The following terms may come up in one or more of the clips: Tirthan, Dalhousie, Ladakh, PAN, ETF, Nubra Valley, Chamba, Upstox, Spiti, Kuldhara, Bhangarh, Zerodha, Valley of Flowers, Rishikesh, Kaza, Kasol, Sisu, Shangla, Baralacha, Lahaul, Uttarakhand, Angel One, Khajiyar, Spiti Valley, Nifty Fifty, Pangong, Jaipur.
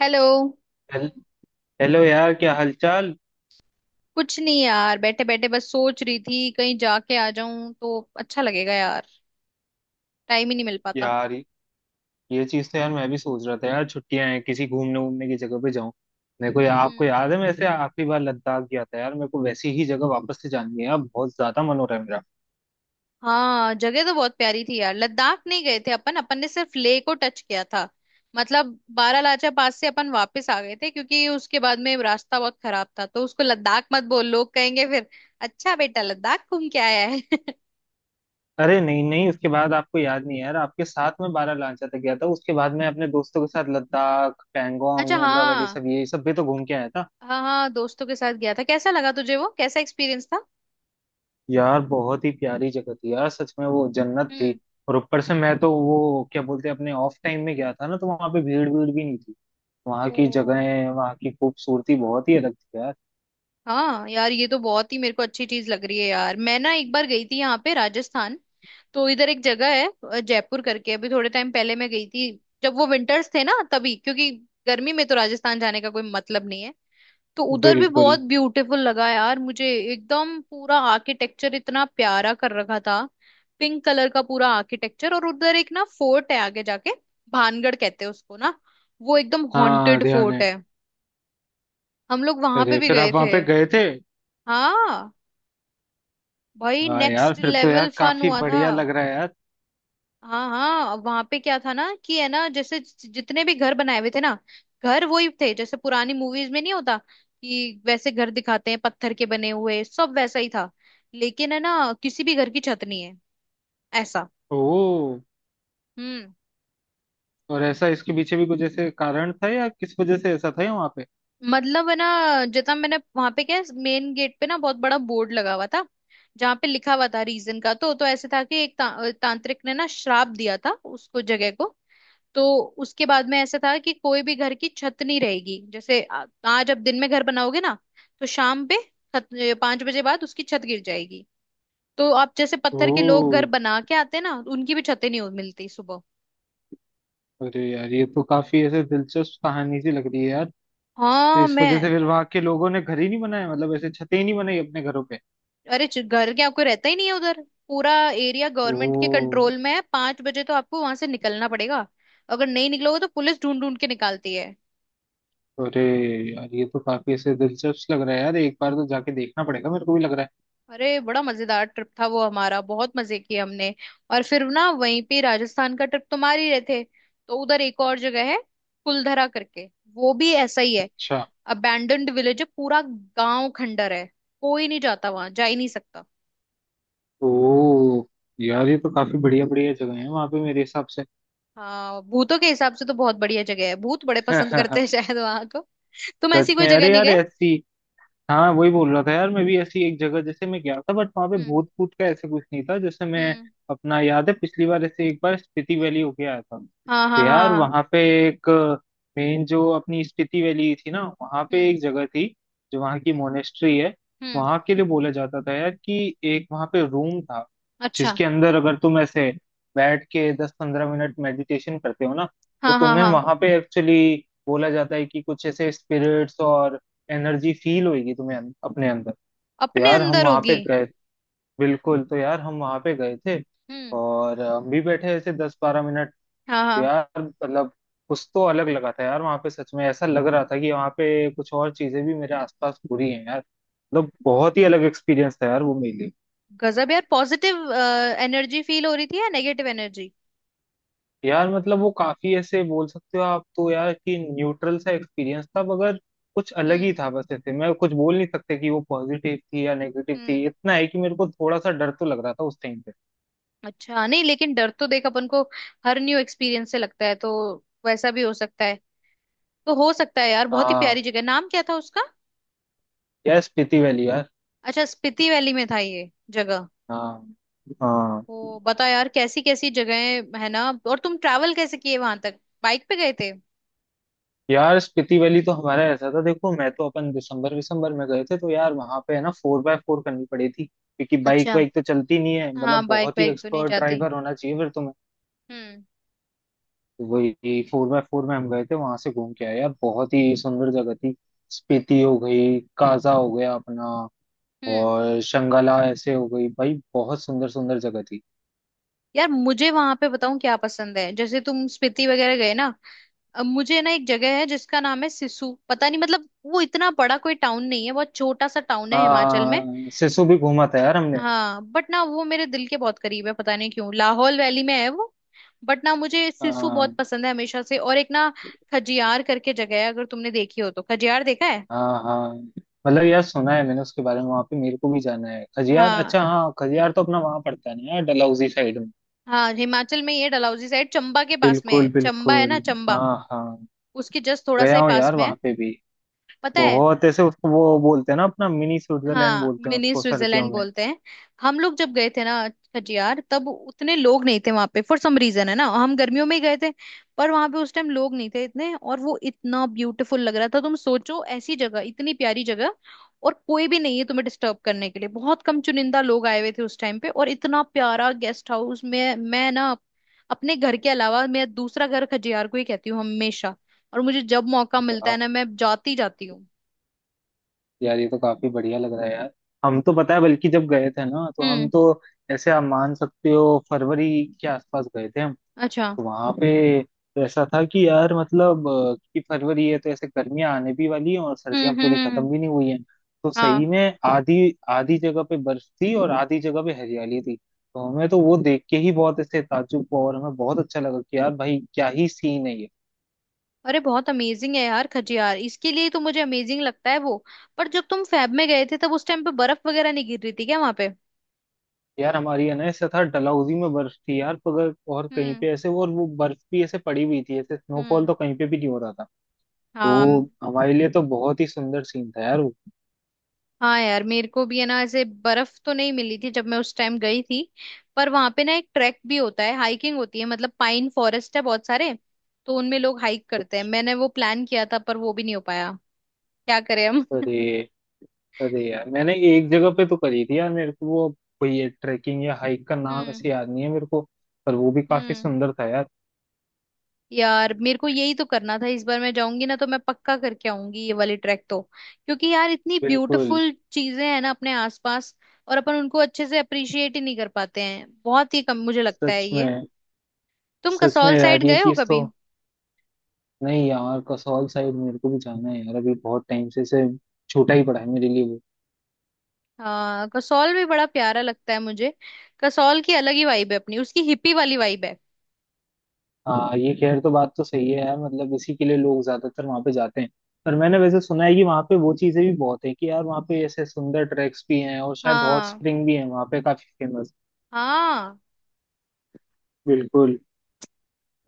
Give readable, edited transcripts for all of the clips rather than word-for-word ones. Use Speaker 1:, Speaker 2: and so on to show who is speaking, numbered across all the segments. Speaker 1: Hello.
Speaker 2: हेल- hello यार, क्या हालचाल।
Speaker 1: कुछ नहीं यार, बैठे बैठे बस सोच रही थी कहीं जाके आ जाऊं तो अच्छा लगेगा यार। टाइम ही नहीं मिल पाता।
Speaker 2: यार ये चीज तो यार मैं भी सोच रहा था यार, छुट्टियां हैं, किसी घूमने घूमने की जगह पे जाऊं। मेरे को आपको
Speaker 1: हम्म।
Speaker 2: याद है, मैं ऐसे आखिरी बार लद्दाख गया था यार, मेरे को वैसी ही जगह वापस से जानी है, अब बहुत ज्यादा मन हो रहा है मेरा।
Speaker 1: हाँ जगह तो बहुत प्यारी थी यार, लद्दाख नहीं गए थे अपन अपन ने सिर्फ लेह को टच किया था। मतलब बारालाचा पास से अपन वापस आ गए थे क्योंकि उसके बाद में रास्ता बहुत खराब था, तो उसको लद्दाख मत बोल, लोग कहेंगे फिर। अच्छा, बेटा लद्दाख घूम के आया है।
Speaker 2: अरे नहीं नहीं, उसके बाद आपको याद नहीं है यार, आपके साथ में बारह लांचा तक गया था, उसके बाद मैं अपने दोस्तों के साथ लद्दाख, पैंगोंग,
Speaker 1: अच्छा
Speaker 2: नुब्रा वैली,
Speaker 1: हाँ।
Speaker 2: सब ये सब भी तो घूम के आया था।
Speaker 1: हाँ हाँ, दोस्तों के साथ गया था, कैसा लगा तुझे? वो कैसा एक्सपीरियंस था?
Speaker 2: यार बहुत ही प्यारी जगह थी यार, सच में वो जन्नत थी।
Speaker 1: हम्म।
Speaker 2: और ऊपर से मैं तो, वो क्या बोलते हैं, अपने ऑफ टाइम में गया था ना, तो वहां पे भीड़ भीड़ भी नहीं थी। वहाँ की
Speaker 1: ओ।
Speaker 2: जगहें, वहाँ की खूबसूरती बहुत ही अलग थी यार।
Speaker 1: हाँ यार, ये तो बहुत ही मेरे को अच्छी चीज लग रही है यार। मैं ना एक बार गई थी यहाँ पे राजस्थान, तो इधर एक जगह है, जयपुर करके। अभी थोड़े टाइम पहले मैं गई थी, जब वो विंटर्स थे ना तभी, क्योंकि गर्मी में तो राजस्थान जाने का कोई मतलब नहीं है। तो उधर भी
Speaker 2: बिल्कुल।
Speaker 1: बहुत ब्यूटीफुल लगा यार मुझे। एकदम पूरा आर्किटेक्चर इतना प्यारा कर रखा था। पिंक कलर का पूरा आर्किटेक्चर, और उधर एक ना फोर्ट है आगे जाके, भानगढ़ कहते हैं उसको ना। वो एकदम
Speaker 2: हाँ
Speaker 1: हॉन्टेड
Speaker 2: ध्यान
Speaker 1: फोर्ट
Speaker 2: है।
Speaker 1: है। हम लोग वहां पे
Speaker 2: अरे,
Speaker 1: भी
Speaker 2: फिर आप
Speaker 1: गए
Speaker 2: वहां
Speaker 1: थे।
Speaker 2: पे गए थे।
Speaker 1: हाँ। भाई
Speaker 2: हाँ यार,
Speaker 1: नेक्स्ट
Speaker 2: फिर तो यार
Speaker 1: लेवल फन
Speaker 2: काफी
Speaker 1: हुआ था।
Speaker 2: बढ़िया लग रहा है यार।
Speaker 1: हाँ हाँ, वहां पे क्या था ना कि है ना, जैसे जितने भी घर बनाए हुए थे ना, घर वही थे जैसे पुरानी मूवीज में नहीं होता कि वैसे घर दिखाते हैं, पत्थर के बने हुए, सब वैसा ही था। लेकिन है ना, किसी भी घर की छत नहीं है, ऐसा।
Speaker 2: ओ,
Speaker 1: हम्म।
Speaker 2: और ऐसा इसके पीछे भी कुछ ऐसे कारण था, या किस वजह से ऐसा था या वहां पे।
Speaker 1: मतलब है ना, जितना मैंने वहां पे क्या मेन गेट पे ना बहुत बड़ा बोर्ड लगा हुआ था जहाँ पे लिखा हुआ था रीजन का, तो ऐसे था कि एक तांत्रिक ने ना श्राप दिया था उसको जगह को। तो उसके बाद में ऐसा था कि कोई भी घर की छत नहीं रहेगी। जैसे आज आप दिन में घर बनाओगे ना, तो शाम पे, छत, पांच बजे बाद उसकी छत गिर जाएगी। तो आप जैसे
Speaker 2: ओ।
Speaker 1: पत्थर के लोग घर बना के आते हैं ना, उनकी भी छतें नहीं हो- मिलती सुबह।
Speaker 2: अरे यार, ये तो काफी ऐसे दिलचस्प कहानी सी लग रही है यार। तो
Speaker 1: हाँ
Speaker 2: इस
Speaker 1: मैं,
Speaker 2: वजह से फिर वहां के लोगों ने घर ही नहीं बनाया, मतलब ऐसे छतें ही नहीं बनाई अपने घरों पे।
Speaker 1: अरे घर क्या, कोई रहता ही नहीं है उधर। पूरा एरिया गवर्नमेंट के
Speaker 2: ओ।
Speaker 1: कंट्रोल में है, पांच बजे तो आपको वहां से निकलना पड़ेगा। अगर नहीं निकलोगे तो पुलिस ढूंढ ढूंढ के निकालती है।
Speaker 2: अरे यार, ये तो काफी ऐसे दिलचस्प लग रहा है यार, एक बार तो जाके देखना पड़ेगा, मेरे को भी लग रहा है।
Speaker 1: अरे बड़ा मजेदार ट्रिप था वो हमारा, बहुत मजे किए हमने। और फिर ना वहीं पे राजस्थान का ट्रिप तो मार ही रहे थे, तो उधर एक और जगह है, कुलधरा करके। वो भी ऐसा ही है।
Speaker 2: अच्छा।
Speaker 1: अबैंडन्ड विलेज है, पूरा गांव खंडर है। कोई नहीं जाता, वहां जा ही नहीं सकता।
Speaker 2: ओ, यार ये तो काफी बढ़िया बढ़िया जगह है वहां पे मेरे हिसाब से।
Speaker 1: हाँ भूतों के हिसाब से तो बहुत बढ़िया जगह है, भूत बड़े पसंद करते हैं शायद वहां को। तुम ऐसी
Speaker 2: सच
Speaker 1: कोई
Speaker 2: में,
Speaker 1: जगह
Speaker 2: अरे
Speaker 1: नहीं
Speaker 2: यार
Speaker 1: गए?
Speaker 2: ऐसी। हाँ, वही बोल रहा था यार, मैं भी ऐसी एक जगह जैसे मैं गया था, बट वहां पे
Speaker 1: हम्म।
Speaker 2: भूत भूत का ऐसा कुछ नहीं था। जैसे मैं,
Speaker 1: हम्म।
Speaker 2: अपना याद है पिछली बार ऐसे एक बार स्पीति वैली होके आया था।
Speaker 1: हाँ
Speaker 2: तो
Speaker 1: हाँ हाँ
Speaker 2: यार
Speaker 1: हाँ।
Speaker 2: वहां पे एक, मेन जो अपनी स्पीति वैली थी ना, वहां पे
Speaker 1: हम्म।
Speaker 2: एक जगह थी, जो वहां की मोनेस्ट्री है।
Speaker 1: हम्म।
Speaker 2: वहां के लिए बोला जाता था यार, कि एक वहां पे रूम था,
Speaker 1: अच्छा।
Speaker 2: जिसके अंदर अगर तुम ऐसे बैठ के 10-15 मिनट मेडिटेशन करते हो ना, तो
Speaker 1: हाँ हाँ
Speaker 2: तुम्हें
Speaker 1: हाँ,
Speaker 2: वहां पे एक्चुअली बोला जाता है कि कुछ ऐसे स्पिरिट्स और एनर्जी फील होगी तुम्हें अपने अंदर। तो
Speaker 1: अपने
Speaker 2: यार हम
Speaker 1: अंदर
Speaker 2: वहां
Speaker 1: होगी।
Speaker 2: पे गए, बिल्कुल, तो यार हम वहां पे गए थे।
Speaker 1: हम्म।
Speaker 2: और हम भी बैठे ऐसे 10-12 मिनट।
Speaker 1: हाँ
Speaker 2: तो
Speaker 1: हाँ।
Speaker 2: यार मतलब कुछ तो अलग लगा था यार वहां पे, सच में ऐसा लग रहा था कि वहां पे कुछ और चीजें भी मेरे आसपास हो रही हैं यार, मतलब बहुत ही अलग एक्सपीरियंस था यार वो मेरे लिए।
Speaker 1: गजब यार, पॉजिटिव एनर्जी फील हो रही थी या नेगेटिव एनर्जी?
Speaker 2: यार मतलब वो काफी ऐसे बोल सकते हो आप तो यार, कि न्यूट्रल सा एक्सपीरियंस था, मगर कुछ अलग ही
Speaker 1: हम्म।
Speaker 2: था, बस ऐसे मैं कुछ बोल नहीं सकते कि वो पॉजिटिव थी या नेगेटिव थी,
Speaker 1: हम्म।
Speaker 2: इतना है कि मेरे को थोड़ा सा डर तो लग रहा था उस टाइम।
Speaker 1: अच्छा नहीं, लेकिन डर तो देख अपन को हर न्यू एक्सपीरियंस से लगता है, तो वैसा भी हो सकता है। तो हो सकता है यार, बहुत ही
Speaker 2: हाँ।
Speaker 1: प्यारी जगह। नाम क्या था उसका?
Speaker 2: यार स्पीति वैली यार।
Speaker 1: अच्छा, स्पीति वैली में था ये जगह।
Speaker 2: हाँ। हाँ।
Speaker 1: ओ बता यार, कैसी कैसी जगहें है ना। और तुम ट्रैवल कैसे किए? वहां तक बाइक पे गए थे?
Speaker 2: यार स्पीति वैली तो हमारा ऐसा था, देखो मैं तो, अपन दिसंबर दिसंबर में गए थे, तो यार वहां पे है ना फोर बाय फोर करनी पड़ी थी, क्योंकि बाइक
Speaker 1: अच्छा।
Speaker 2: वाइक तो चलती नहीं है, मतलब
Speaker 1: हाँ, बाइक
Speaker 2: बहुत ही
Speaker 1: बाइक तो नहीं
Speaker 2: एक्सपर्ट
Speaker 1: जाती।
Speaker 2: ड्राइवर होना चाहिए फिर तुम्हें।
Speaker 1: हम्म।
Speaker 2: तो वही फोर बाय फोर में हम गए थे, वहां से घूम के आए यार, बहुत ही सुंदर जगह थी। स्पीति हो गई, काजा हो गया अपना,
Speaker 1: हम्म।
Speaker 2: और शंगला ऐसे हो गई, भाई बहुत सुंदर सुंदर जगह थी।
Speaker 1: यार मुझे वहां पे बताऊं क्या पसंद है, जैसे तुम स्पीति वगैरह गए ना, अब मुझे ना एक जगह है जिसका नाम है सिसु, पता नहीं मतलब, वो इतना बड़ा कोई टाउन नहीं है, बहुत छोटा सा टाउन है हिमाचल में।
Speaker 2: हाँ सिसु भी घूमा था यार हमने।
Speaker 1: हाँ, बट ना वो मेरे दिल के बहुत करीब है पता नहीं क्यों, लाहौल वैली में है वो। बट ना मुझे सिसु बहुत
Speaker 2: हाँ।
Speaker 1: पसंद है हमेशा से। और एक ना, खजियार करके जगह है, अगर तुमने देखी हो तो। खजियार देखा है?
Speaker 2: हाँ हाँ, मतलब यार सुना है मैंने उसके बारे में, वहां पे मेरे को भी जाना है खजियार।
Speaker 1: हाँ
Speaker 2: अच्छा हाँ, खजियार तो अपना वहां पड़ता है ना यार, डलहौजी साइड में।
Speaker 1: हाँ, हिमाचल में ये डलहौजी साइड, चंबा के पास में है।
Speaker 2: बिल्कुल
Speaker 1: चंबा है ना
Speaker 2: बिल्कुल।
Speaker 1: चंबा,
Speaker 2: हाँ हाँ।
Speaker 1: उसके जस्ट थोड़ा सा
Speaker 2: गया
Speaker 1: ही
Speaker 2: हूँ
Speaker 1: पास
Speaker 2: यार
Speaker 1: में है।
Speaker 2: वहां पे भी,
Speaker 1: पता है।
Speaker 2: बहुत ऐसे उसको वो बोलते हैं ना अपना, मिनी स्विट्जरलैंड
Speaker 1: हाँ
Speaker 2: बोलते हैं
Speaker 1: मिनी
Speaker 2: उसको सर्दियों
Speaker 1: स्विट्जरलैंड
Speaker 2: में।
Speaker 1: बोलते हैं। हम लोग जब गए थे ना खजियार, तब उतने लोग नहीं थे वहां पे, फॉर सम रीजन है ना, हम गर्मियों में ही गए थे। पर वहां पे उस टाइम लोग नहीं थे इतने, और वो इतना ब्यूटीफुल लग रहा था। तुम सोचो ऐसी जगह, इतनी प्यारी जगह, और कोई भी नहीं है तुम्हें डिस्टर्ब करने के लिए। बहुत कम चुनिंदा लोग आए हुए थे उस टाइम पे, और इतना प्यारा गेस्ट हाउस। में मैं ना अपने घर के अलावा मेरा दूसरा घर खजियार को ही कहती हूँ हमेशा। और मुझे जब मौका मिलता है
Speaker 2: वाह,
Speaker 1: ना मैं जाती जाती हूँ।
Speaker 2: यार ये तो काफी बढ़िया लग रहा है यार। हम तो पता है बल्कि जब गए थे ना, तो हम
Speaker 1: हम्म।
Speaker 2: तो ऐसे, आप मान सकते हो फरवरी के आसपास गए थे हम।
Speaker 1: अच्छा।
Speaker 2: वहां पे तो ऐसा था कि यार मतलब कि फरवरी है, तो ऐसे गर्मियां आने भी वाली हैं और सर्दियां
Speaker 1: हम्म। हम्म।
Speaker 2: पूरी
Speaker 1: हम्म।
Speaker 2: खत्म भी नहीं हुई हैं। तो
Speaker 1: हाँ।
Speaker 2: सही में आधी आधी जगह पे बर्फ थी और आधी जगह पे हरियाली थी। तो हमें तो वो देख के ही बहुत ऐसे ताज्जुब हुआ, और हमें बहुत अच्छा लगा कि यार भाई क्या ही सीन है ये।
Speaker 1: अरे बहुत अमेजिंग है यार खजियार, इसके लिए तो मुझे अमेजिंग लगता है वो। पर जब तुम फैब में गए थे तब उस टाइम पे बर्फ वगैरह नहीं गिर रही थी क्या वहां पे?
Speaker 2: यार हमारी है ना ऐसा था, डलहौजी में बर्फ थी यार, मगर और कहीं
Speaker 1: हम्म।
Speaker 2: पे ऐसे वो बर्फ भी ऐसे पड़ी हुई थी, ऐसे स्नोफॉल
Speaker 1: हम्म।
Speaker 2: तो कहीं पे भी नहीं हो रहा था।
Speaker 1: हाँ।
Speaker 2: तो हमारे लिए तो बहुत ही सुंदर सीन था यार वो।
Speaker 1: हाँ यार, मेरे को भी है ना ऐसे बर्फ तो नहीं मिली थी जब मैं उस टाइम गई थी। पर वहां पे ना एक ट्रैक भी होता है, हाइकिंग होती है, मतलब पाइन फॉरेस्ट है बहुत सारे, तो उनमें लोग हाइक करते हैं। मैंने वो प्लान किया था पर वो भी नहीं हो पाया। क्या करें हम।
Speaker 2: अरे। अरे यार, मैंने एक जगह पे तो करी थी यार, मेरे को वो कोई ये ट्रैकिंग या हाइक का नाम
Speaker 1: हम्म।
Speaker 2: ऐसे याद नहीं है मेरे को, पर वो भी काफी
Speaker 1: हम्म।
Speaker 2: सुंदर था यार।
Speaker 1: यार मेरे को यही तो करना था, इस बार मैं जाऊंगी ना तो मैं पक्का करके आऊंगी ये वाली ट्रैक तो, क्योंकि यार इतनी
Speaker 2: बिल्कुल।
Speaker 1: ब्यूटीफुल चीजें हैं ना अपने आसपास, और अपन उनको अच्छे से अप्रिशिएट ही नहीं कर पाते हैं, बहुत ही कम मुझे लगता है
Speaker 2: सच
Speaker 1: ये।
Speaker 2: में।
Speaker 1: तुम
Speaker 2: सच में
Speaker 1: कसौल साइड
Speaker 2: यार ये
Speaker 1: गए हो
Speaker 2: चीज
Speaker 1: कभी?
Speaker 2: तो, नहीं यार, कसौल साइड मेरे को भी जाना है यार, अभी बहुत टाइम से छूटा ही पड़ा है मेरे लिए वो।
Speaker 1: हाँ कसौल भी बड़ा प्यारा लगता है मुझे। कसौल की अलग ही वाइब है अपनी, उसकी हिप्पी वाली वाइब है।
Speaker 2: हाँ, ये खैर तो बात तो सही है यार, मतलब इसी के लिए लोग ज्यादातर वहाँ पे जाते हैं। पर मैंने वैसे सुना है कि वहाँ पे वो चीजें भी बहुत है, कि यार वहाँ पे ऐसे सुंदर ट्रैक्स भी हैं, और शायद हॉट
Speaker 1: हाँ।
Speaker 2: स्प्रिंग भी है वहाँ पे काफी फेमस।
Speaker 1: हाँ।
Speaker 2: बिल्कुल।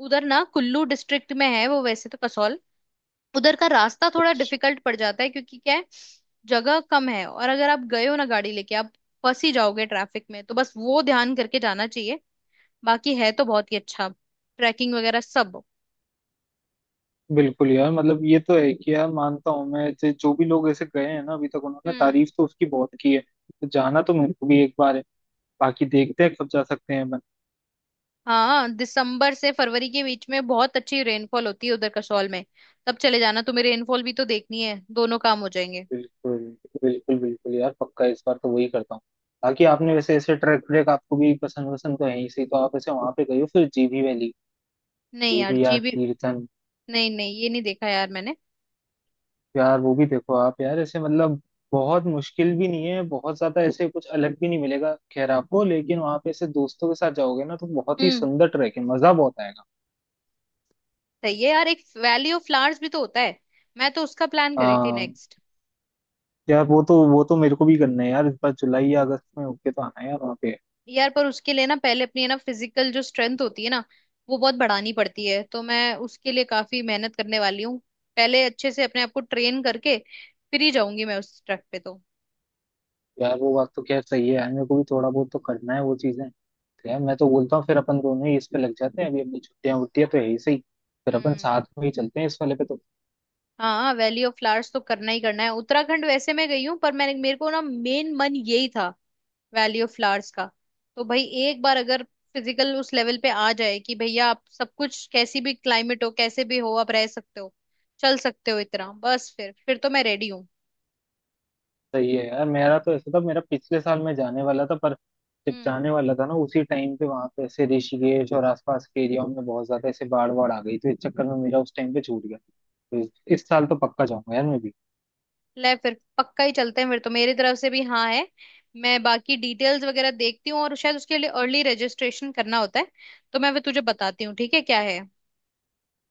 Speaker 1: उधर ना कुल्लू डिस्ट्रिक्ट में है वो वैसे तो, कसौल। उधर का रास्ता थोड़ा डिफिकल्ट पड़ जाता है, क्योंकि क्या है, जगह कम है, और अगर आप गए हो ना गाड़ी लेके, आप फंस ही जाओगे ट्रैफिक में, तो बस वो ध्यान करके जाना चाहिए। बाकी है तो बहुत ही अच्छा, ट्रैकिंग वगैरह सब।
Speaker 2: बिल्कुल यार, मतलब ये तो है कि यार मानता हूँ मैं, जो भी लोग ऐसे गए हैं ना अभी तक, उन्होंने
Speaker 1: हम्म।
Speaker 2: तारीफ तो उसकी बहुत की है। तो जाना तो मेरे को भी एक बार है, बाकी देखते हैं कब जा सकते हैं अपन।
Speaker 1: हाँ दिसंबर से फरवरी के बीच में बहुत अच्छी रेनफॉल होती है उधर कसौल में। तब चले जाना, तुम्हें रेनफॉल भी तो देखनी है, दोनों काम हो जाएंगे।
Speaker 2: बिल्कुल। बिल्कुल यार पक्का, इस बार तो वही करता हूँ। बाकी आपने वैसे ऐसे ट्रैक ट्रैक आपको भी पसंद पसंद तो है ही, सही तो आप ऐसे वहां पे गए हो फिर जीभी वैली।
Speaker 1: नहीं यार
Speaker 2: जीभी
Speaker 1: जी
Speaker 2: यार,
Speaker 1: भी,
Speaker 2: तीर्थन।
Speaker 1: नहीं नहीं ये नहीं देखा यार मैंने।
Speaker 2: यार वो भी देखो आप यार, ऐसे मतलब बहुत मुश्किल भी नहीं है, बहुत ज्यादा ऐसे कुछ अलग भी नहीं मिलेगा खैर आपको, लेकिन वहां पे ऐसे दोस्तों के साथ जाओगे ना, तो बहुत ही
Speaker 1: हम्म।
Speaker 2: सुंदर ट्रैक है, मजा बहुत आएगा।
Speaker 1: सही है यार, एक वैली ऑफ फ्लावर्स भी तो होता है, मैं तो उसका प्लान करी थी
Speaker 2: हाँ
Speaker 1: नेक्स्ट।
Speaker 2: यार, वो तो मेरे को भी करना है यार, इस बार जुलाई या अगस्त में होके तो आना है यार वहाँ पे।
Speaker 1: यार पर उसके लिए ना पहले अपनी है ना फिजिकल जो स्ट्रेंथ होती है ना, वो बहुत बढ़ानी पड़ती है, तो मैं उसके लिए काफी मेहनत करने वाली हूँ। पहले अच्छे से अपने आप को ट्रेन करके फिर ही जाऊंगी मैं उस ट्रैक पे तो।
Speaker 2: यार वो बात तो खैर सही है यार, मेरे को भी थोड़ा बहुत तो करना है वो चीजें। तो यार मैं तो बोलता हूँ फिर, अपन दोनों ही इस पे लग जाते हैं, अभी अपनी छुट्टियां वुट्टियां तो है ही सही। फिर अपन साथ
Speaker 1: हम्म।
Speaker 2: में ही चलते हैं इस वाले पे तो।
Speaker 1: हाँ, वैली ऑफ फ्लावर्स तो करना ही करना है। उत्तराखंड वैसे मैं गई हूँ, पर मैंने मेरे को ना मेन मन यही था, वैली ऑफ फ्लावर्स का। तो भाई एक बार अगर फिजिकल उस लेवल पे आ जाए कि भैया आप सब कुछ, कैसी भी क्लाइमेट हो, कैसे भी हो, आप रह सकते हो, चल सकते हो, इतना बस, फिर तो मैं रेडी हूँ।
Speaker 2: सही है यार, मेरा तो ऐसा था, मेरा पिछले साल में जाने वाला था, पर जब
Speaker 1: हम्म।
Speaker 2: जाने वाला था ना, उसी टाइम पे वहां पे ऐसे ऋषिकेश और आसपास के एरियाओं में बहुत ज्यादा ऐसे बाढ़ वाड़ आ गई, तो इस चक्कर में मेरा उस टाइम पे छूट गया, तो इस साल तो पक्का जाऊंगा यार मैं भी।
Speaker 1: ले फिर पक्का ही चलते हैं फिर, तो मेरी तरफ से भी हाँ है। मैं बाकी डिटेल्स वगैरह देखती हूँ, और शायद उसके लिए अर्ली रजिस्ट्रेशन करना होता है, तो मैं फिर तुझे बताती हूँ ठीक है क्या? है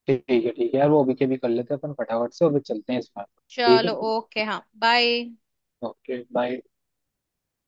Speaker 2: ठीक है। ठीक है यार, वो अभी के भी कर लेते हैं अपन फटाफट से, और फिर चलते हैं इस बार। ठीक है।
Speaker 1: चलो ओके, हाँ बाय।
Speaker 2: Okay, bye.